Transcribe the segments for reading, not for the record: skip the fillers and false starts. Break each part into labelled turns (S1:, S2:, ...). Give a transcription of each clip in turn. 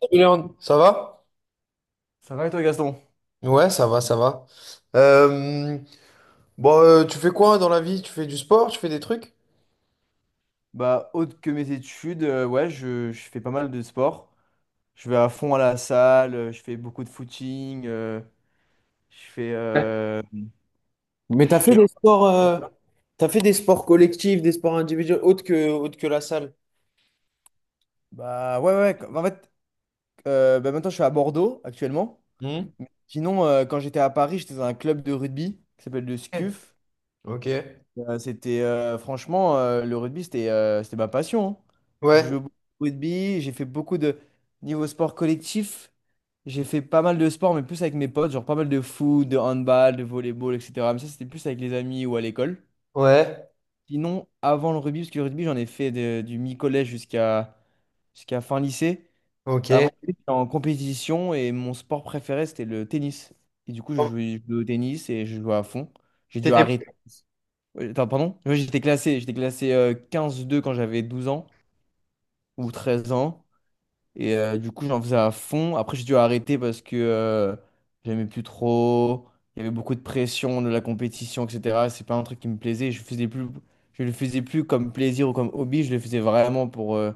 S1: Julian, ça va?
S2: Ça va et toi Gaston?
S1: Ouais, ça va, ça va. Euh, bon, tu fais quoi dans la vie? Tu fais du sport? Tu fais des trucs?
S2: Bah autre que mes études, ouais, je fais pas mal de sport. Je vais à fond à la salle, je fais beaucoup de footing, je fais,
S1: Mais t'as
S2: je
S1: fait
S2: fais. Un
S1: des sports,
S2: peu de
S1: euh,
S2: ça.
S1: t'as fait des sports collectifs, des sports individuels, autres que la salle.
S2: En fait, maintenant je suis à Bordeaux actuellement.
S1: Hmm.
S2: Sinon, quand j'étais à Paris, j'étais dans un club de rugby qui s'appelle le SCUF.
S1: Ok.
S2: C'était franchement le rugby c'était ma passion, hein. J'ai
S1: Ouais,
S2: joué beaucoup au rugby, j'ai fait beaucoup de niveau sport collectif. J'ai fait pas mal de sports mais plus avec mes potes, genre pas mal de foot, de handball, de volleyball, etc. Mais ça c'était plus avec les amis ou à l'école.
S1: ouais,
S2: Sinon, avant le rugby, parce que le rugby j'en ai fait du mi-collège jusqu'à jusqu'à fin lycée. Avant,
S1: ok.
S2: le rugby, j'étais en compétition et mon sport préféré, c'était le tennis. Et du coup, je jouais au tennis et je jouais à fond. J'ai dû
S1: T'étais
S2: arrêter. Oui, attends, pardon? J'étais classé 15-2 quand j'avais 12 ans ou 13 ans. Et du coup, j'en faisais à fond. Après, j'ai dû arrêter parce que j'aimais plus trop. Il y avait beaucoup de pression, de la compétition, etc. C'est pas un truc qui me plaisait. Je le faisais plus comme plaisir ou comme hobby. Je le faisais vraiment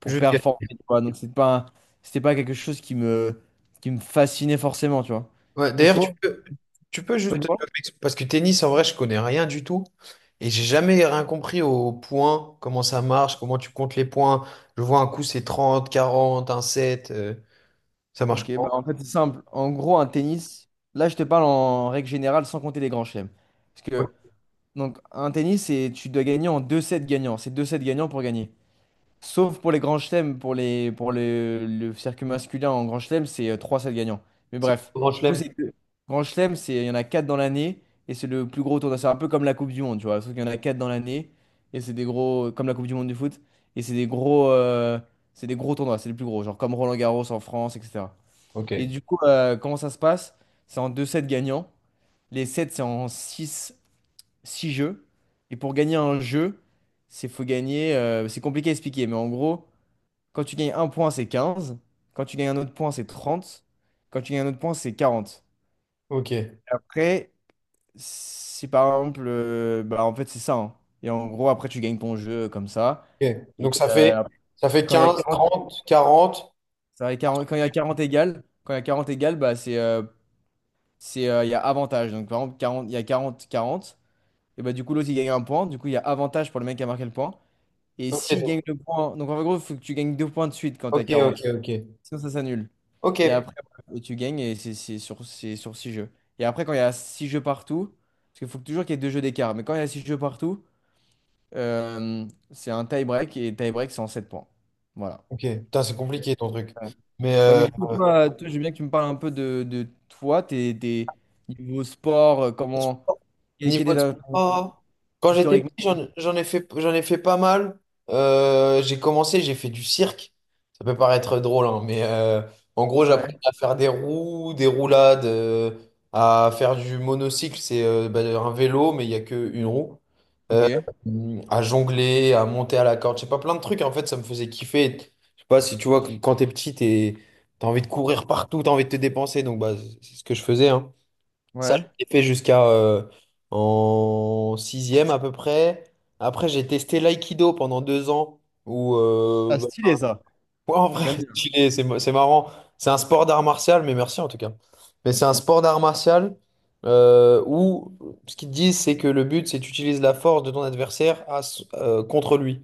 S2: pour performer, tu vois. Donc, c'était pas quelque chose qui me fascinait forcément, tu vois.
S1: Ouais,
S2: Et
S1: d'ailleurs, tu
S2: toi?
S1: peux, juste... Parce que tennis, en vrai, je connais rien du tout. Et j'ai jamais rien compris aux points, comment ça marche, comment tu comptes les points. Je vois un coup, c'est 30, 40, un set, ça marche
S2: Ok, bah
S1: comment?
S2: en fait c'est simple. En gros, un tennis, là je te parle en règle générale sans compter les grands chelems. Parce
S1: Ouais.
S2: que donc un tennis, c'est tu dois gagner en 2 sets gagnants. C'est 2 sets gagnants pour gagner. Sauf pour les grands chelems, pour le circuit masculin en grand chelem, c'est 3 sets gagnants. Mais
S1: C'est pour
S2: bref,
S1: le grand
S2: du coup
S1: chelem.
S2: c'est grand chelem, c'est il y en a 4 dans l'année et c'est le plus gros tournoi. C'est un peu comme la Coupe du Monde, tu vois. Sauf qu'il y en a 4 dans l'année et c'est des gros comme la Coupe du Monde du foot et c'est des gros tournois. C'est les plus gros, genre comme Roland-Garros en France, etc. Et
S1: Ok.
S2: du coup, comment ça se passe? C'est en deux sets gagnants. Les sets, c'est en six jeux. Et pour gagner un jeu, c'est faut gagner, c'est compliqué à expliquer, mais en gros, quand tu gagnes un point, c'est 15. Quand tu gagnes un autre point, c'est 30. Quand tu gagnes un autre point, c'est 40.
S1: Ok.
S2: Après, si par exemple, bah, en fait, c'est ça, hein. Et en gros, après, tu gagnes ton jeu comme ça.
S1: Ok.
S2: Et
S1: Donc ça fait, ça fait
S2: quand il y a
S1: 15,
S2: 40,
S1: 30, 40.
S2: ça va, 40 quand il y a 40 égales, quand il y a 40 égales, bah, c'est il y a avantage. Donc par exemple, 40, il y a 40-40. Et bah du coup, l'autre il gagne un point. Du coup, il y a avantage pour le mec qui a marqué le point. Et s'il
S1: Ok,
S2: gagne le point. Donc en gros, il faut que tu gagnes deux points de suite quand t'as
S1: ok, ok,
S2: 40.
S1: ok.
S2: Sinon, ça s'annule. Et
S1: Ok.
S2: après, et tu gagnes et c'est sur six jeux. Et après, quand il y a 6 jeux partout, parce qu'il faut toujours qu'il y ait deux jeux d'écart. Mais quand il y a 6 jeux partout, c'est un tie-break. Et tie-break, c'est en 7 points. Voilà.
S1: Ok. Putain, c'est compliqué ton truc.
S2: Ouais.
S1: Mais
S2: Ouais, mais
S1: euh,
S2: du coup, toi, je veux bien que tu me parles un peu de toi, tes niveaux sport, comment. Quel est
S1: Niveau sport, quand j'étais
S2: historiquement?
S1: petit, j'en ai fait pas mal. J'ai commencé, j'ai fait du cirque. Ça peut paraître drôle, hein, mais en gros,
S2: Ouais.
S1: j'apprenais à faire des roues, des roulades, à faire du monocycle, c'est bah, un vélo, mais il n'y a qu'une roue. Euh,
S2: Ok.
S1: à jongler, à monter à la corde, je sais pas, plein de trucs. En fait, ça me faisait kiffer. Je sais pas si tu vois, que quand t'es petit, t'as envie de courir partout, t'as envie de te dépenser. Donc, bah, c'est ce que je faisais, hein. Ça,
S2: Ouais.
S1: je l'ai fait jusqu'à en sixième à peu près. Après, j'ai testé l'aïkido pendant 2 ans. Où, euh,
S2: Ah,
S1: bah,
S2: stylé ça.
S1: ouais, en vrai,
S2: J'aime bien.
S1: stylé, c'est marrant. C'est un sport d'art martial, mais merci en tout cas. Mais c'est un sport d'art martial où ce qu'ils te disent, c'est que le but, c'est que tu utilises la force de ton adversaire contre lui.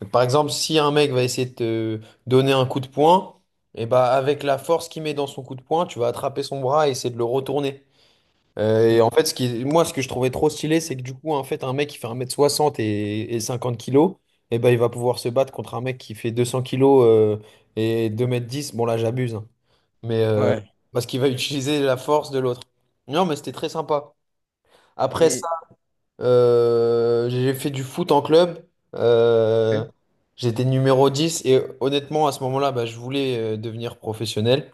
S1: Donc, par exemple, si un mec va essayer de te donner un coup de poing, et bah, avec la force qu'il met dans son coup de poing, tu vas attraper son bras et essayer de le retourner. Et
S2: Mm.
S1: en fait, moi, ce que je trouvais trop stylé, c'est que du coup, en fait, un mec qui fait 1,60 m et 50 kilos, eh ben, il va pouvoir se battre contre un mec qui fait 200 kilos et 2,10 m. Bon, là, j'abuse, hein. mais euh,
S2: Ouais.
S1: Parce qu'il va utiliser la force de l'autre. Non, mais c'était très sympa. Après
S2: Et.
S1: ça, j'ai fait du foot en club. Euh,
S2: Ok.
S1: J'étais numéro 10 et honnêtement, à ce moment-là, bah, je voulais devenir professionnel.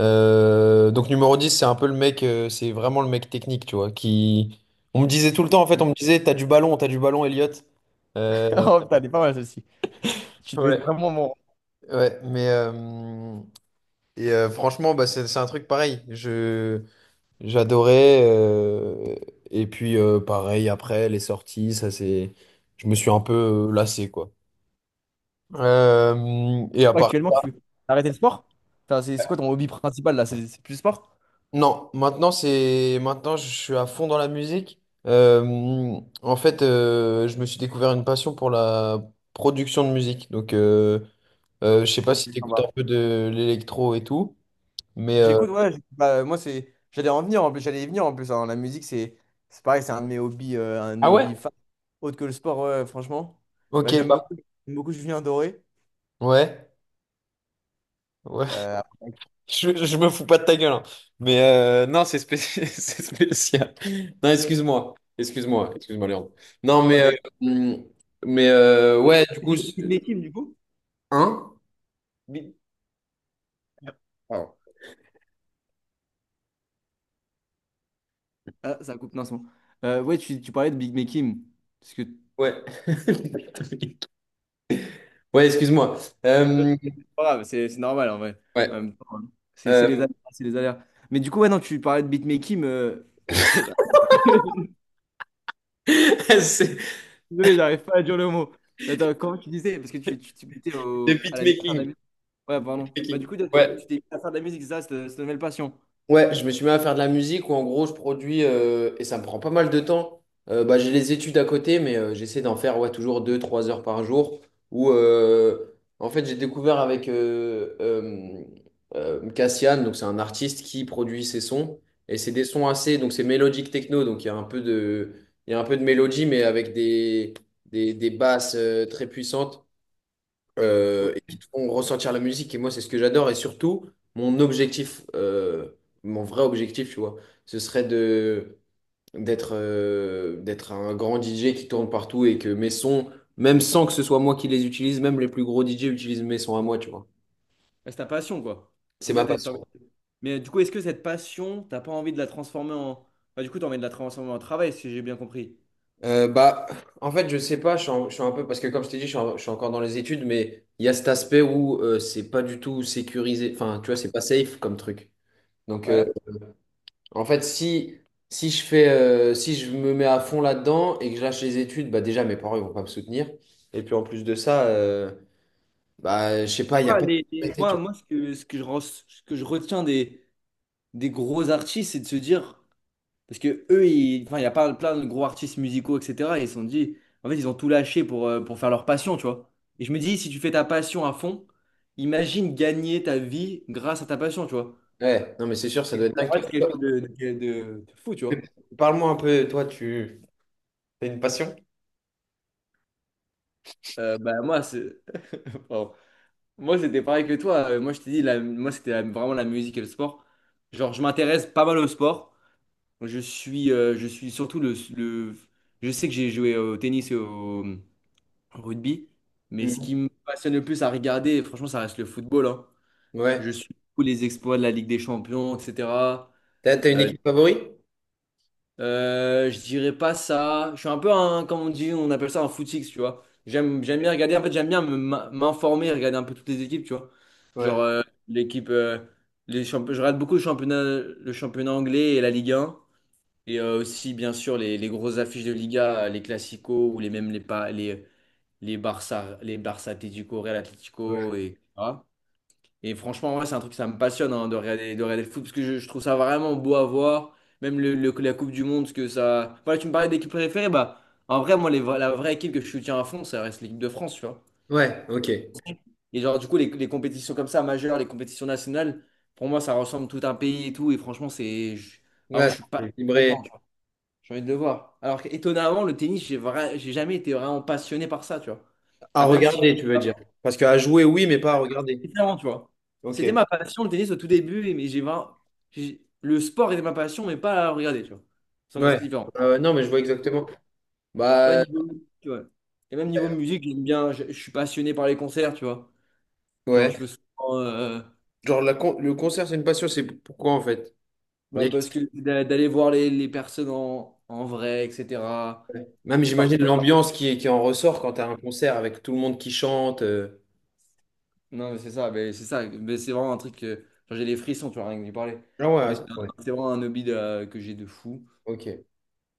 S1: Donc numéro 10 c'est un peu c'est vraiment le mec technique, tu vois, qui... On me disait tout le temps, en fait,
S2: Mm.
S1: t'as du ballon, Elliot. Euh,
S2: Oh putain, elle est pas mal celle-ci. Tu devais
S1: ouais,
S2: être vraiment bon.
S1: ouais, mais... franchement, bah, c'est un truc pareil. J'adorais. Et puis, pareil, après, les sorties, ça, c'est... Je me suis un peu lassé, quoi. Et à
S2: Toi,
S1: part
S2: actuellement, tu as arrêté le sport? Enfin, c'est quoi ton hobby principal là? C'est plus le sport?
S1: Non, maintenant c'est maintenant je suis à fond dans la musique. En fait, je me suis découvert une passion pour la production de musique. Donc, je sais pas
S2: Ok,
S1: si tu
S2: ça
S1: écoutes
S2: va.
S1: un peu de l'électro et tout, mais
S2: J'écoute, ouais, j'écoute. Bah, moi, c'est. J'allais en venir en plus. J'allais y venir en plus, hein. La musique, c'est pareil, c'est un de mes hobbies,
S1: Ah ouais?
S2: autre que le sport, ouais, franchement.
S1: Ok,
S2: Bah, j'aime
S1: bah
S2: beaucoup, j'aime beaucoup Julien Doré.
S1: ouais, ouais.
S2: Euh, après-
S1: Je me fous pas de ta gueule, hein. Mais non, c'est spécial, c'est spécial. Non, excuse-moi, excuse-moi, excuse-moi, Léon. Non,
S2: Oh,
S1: hum, mais ouais, du coup,
S2: des petites métiers du coup?
S1: hein?
S2: Bi- Pardon. Ah, ça coupe, non, c'est bon. Ouais, tu parlais de Big Mekim. Parce que.
S1: Ouais. Ouais, excuse-moi.
S2: C'est
S1: Euh,
S2: pas grave, c'est normal en vrai. En
S1: ouais.
S2: même temps, hein. C'est les
S1: euh,
S2: aléas, c'est les aléas. Mais du coup, ouais, non, tu parlais de Big Mekim,
S1: c'est
S2: désolé, j'arrive pas à dire le mot. Attends, comment tu disais? Parce que tu t'es mis
S1: le
S2: au... à la à faire de la
S1: beatmaking.
S2: musique. Ouais, pardon. Bah, du
S1: Beatmaking.
S2: coup, toi, tu
S1: Ouais.
S2: tu t'es mis à faire de la musique, c'est ça, c'est ta nouvelle passion.
S1: Ouais, je me suis mis à faire de la musique où en gros je produis et ça me prend pas mal de temps. Bah, j'ai les études à côté, mais j'essaie d'en faire ouais, toujours 2 ou 3 heures par jour. Où En fait j'ai découvert avec Cassian, donc c'est un artiste qui produit ses sons. Et c'est des sons assez, donc c'est mélodique techno, donc il y a un peu de, il y a un peu de mélodie, mais avec des basses très puissantes.
S2: Ok.
S1: Et qui te font ressentir la musique. Et moi, c'est ce que j'adore. Et surtout, mon objectif, euh, mon vrai objectif, tu vois, ce serait de d'être d'être un grand DJ qui tourne partout et que mes sons, même sans que ce soit moi qui les utilise, même les plus gros DJ utilisent mes sons à moi, tu vois.
S2: Bah, c'est ta passion, quoi.
S1: C'est
S2: Donc là,
S1: ma
S2: t'as envie.
S1: passion.
S2: Mais du coup, est-ce que cette passion, t'as pas envie de la transformer en. Bah, du coup, t'as envie de la transformer en travail, si j'ai bien compris.
S1: Bah, en fait, je sais pas, je suis un peu, parce que comme je t'ai dit, je suis encore dans les études, mais il y a cet aspect où c'est pas du tout sécurisé, enfin, tu vois, c'est pas safe comme truc. Donc,
S2: Ouais.
S1: en fait, si je me mets à fond là-dedans et que je lâche les études, bah déjà, mes parents, ils vont pas me soutenir. Et puis, en plus de ça, bah, je sais pas, il y a
S2: Ah,
S1: pas de... tu
S2: moi, ce que je retiens des gros artistes, c'est de se dire, parce que eux, enfin, il y a pas plein de gros artistes musicaux, etc. Et ils se sont dit, en fait, ils ont tout lâché pour faire leur passion, tu vois. Et je me dis, si tu fais ta passion à fond, imagine gagner ta vie grâce à ta passion, tu vois.
S1: vois. Ouais, non, mais c'est sûr, ça doit être
S2: En
S1: dingue.
S2: fait, c'est
S1: Toi,
S2: quelque chose de fou, tu vois.
S1: parle-moi un peu, toi, tu... T'as une passion?
S2: Bah, pardon. Moi, c'était pareil que toi. Moi, je t'ai dit, moi, c'était vraiment la musique et le sport. Genre, je m'intéresse pas mal au sport. Je suis, je sais que j'ai joué au tennis et au rugby, mais ce qui
S1: Mhm.
S2: me passionne le plus à regarder, franchement, ça reste le football, hein. Je
S1: Ouais.
S2: suis tous les exploits de la Ligue des Champions, etc.
S1: T'as une
S2: Euh,
S1: équipe favorite?
S2: je dirais pas ça. Je suis un peu un, comme on dit, on appelle ça un footix, tu vois. J'aime bien regarder. En fait, m'informer, regarder un peu toutes les équipes, tu vois. Genre
S1: Ouais.
S2: l'équipe, euh, je regarde beaucoup le championnat anglais et la Ligue 1. Et aussi, bien sûr, les grosses affiches de Liga, les Clasico ou les même les, pa- les Barça Atlético, Real
S1: Ouais.
S2: Atlético, et, etc. Et franchement, ouais, c'est un truc, ça me passionne hein, de regarder le foot parce que je trouve ça vraiment beau à voir. Même la Coupe du Monde, parce que ça. Voilà, tu me parlais d'équipe préférée, bah, en vrai, moi, la vraie équipe que je soutiens à fond, ça reste l'équipe de France, tu vois.
S1: Ouais, ok.
S2: Et genre, du coup, les compétitions comme ça, majeures, les compétitions nationales, pour moi, ça ressemble tout un pays et tout. Et franchement, vraiment,
S1: Ouais,
S2: je suis
S1: c'est
S2: pas
S1: équilibré.
S2: là-dedans. J'ai envie de le voir. Alors étonnamment, le tennis, j'ai jamais été vraiment passionné par ça, tu vois.
S1: À
S2: Ah, même si
S1: regarder,
S2: j'étais
S1: tu veux
S2: pas
S1: dire. Parce qu'à jouer, oui, mais pas à regarder.
S2: différent, tu vois.
S1: Ok.
S2: C'était ma passion, le tennis, au tout début, le sport était ma passion, mais pas à regarder, tu vois. Ça, c'est
S1: Ouais.
S2: différent.
S1: Non, mais je vois exactement.
S2: Ouais,
S1: Bah,
S2: niveau... tu vois. Et même niveau musique, j'aime bien, je suis passionné par les concerts, tu vois. Genre,
S1: ouais.
S2: je veux souvent...
S1: Genre, le concert, c'est une passion, c'est pourquoi en fait? On
S2: bah,
S1: dirait que-
S2: parce que d'aller voir les personnes en, en vrai, etc.
S1: Même
S2: Et
S1: j'imagine
S2: parfois,
S1: l'ambiance qui en ressort quand t'as un concert avec tout le monde qui chante.
S2: Non, mais c'est ça, mais c'est ça. Mais c'est vraiment un truc que genre, j'ai des frissons, tu vois, rien que d'y parler.
S1: Ah ouais,
S2: Mais
S1: ça- ouais.
S2: c'est vraiment un hobby que j'ai de fou.
S1: Ok.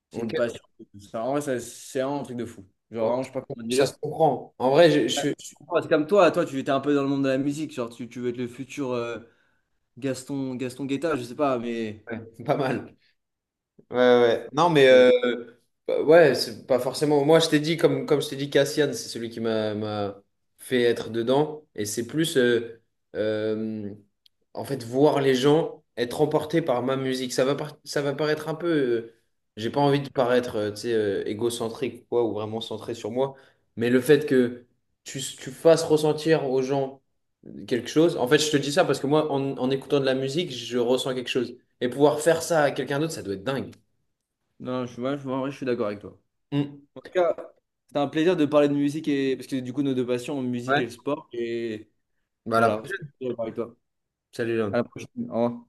S2: C'est
S1: Ok.
S2: une passion. Ça, en vrai, c'est vraiment un truc de fou. Genre,
S1: Oh,
S2: vraiment, je sais pas comment
S1: ça se
S2: dire.
S1: comprend. En vrai,
S2: Ouais. C'est comme toi, tu étais un peu dans le monde de la musique. Genre, tu veux être le futur Gaston Guetta, je sais pas, mais.
S1: ouais, pas mal. Ouais, ouais. Ouais. Non, mais
S2: euh,
S1: euh, bah, ouais, c'est pas forcément. Moi, je t'ai dit, comme, Comme je t'ai dit, Cassian, c'est celui qui m'a fait être dedans. Et c'est plus, euh, en fait, voir les gens être emportés par ma musique. Ça va, ça va paraître un peu. J'ai pas envie de paraître, tu sais, égocentrique ou quoi, ou vraiment centré sur moi. Mais le fait que tu fasses ressentir aux gens quelque chose. En fait, je te dis ça parce que moi, en écoutant de la musique, je ressens quelque chose. Et pouvoir faire ça à quelqu'un d'autre, ça doit être dingue.
S2: non, ouais, en vrai, je suis d'accord avec toi.
S1: Mm.
S2: En tout cas, c'était un plaisir de parler de musique et. Parce que du coup, nos deux passions, musique
S1: Ouais.
S2: et le sport. Et
S1: Bah, à la
S2: voilà, c'était un
S1: prochaine.
S2: plaisir de parler avec toi.
S1: Salut,
S2: À la
S1: Léon.
S2: prochaine. Au revoir.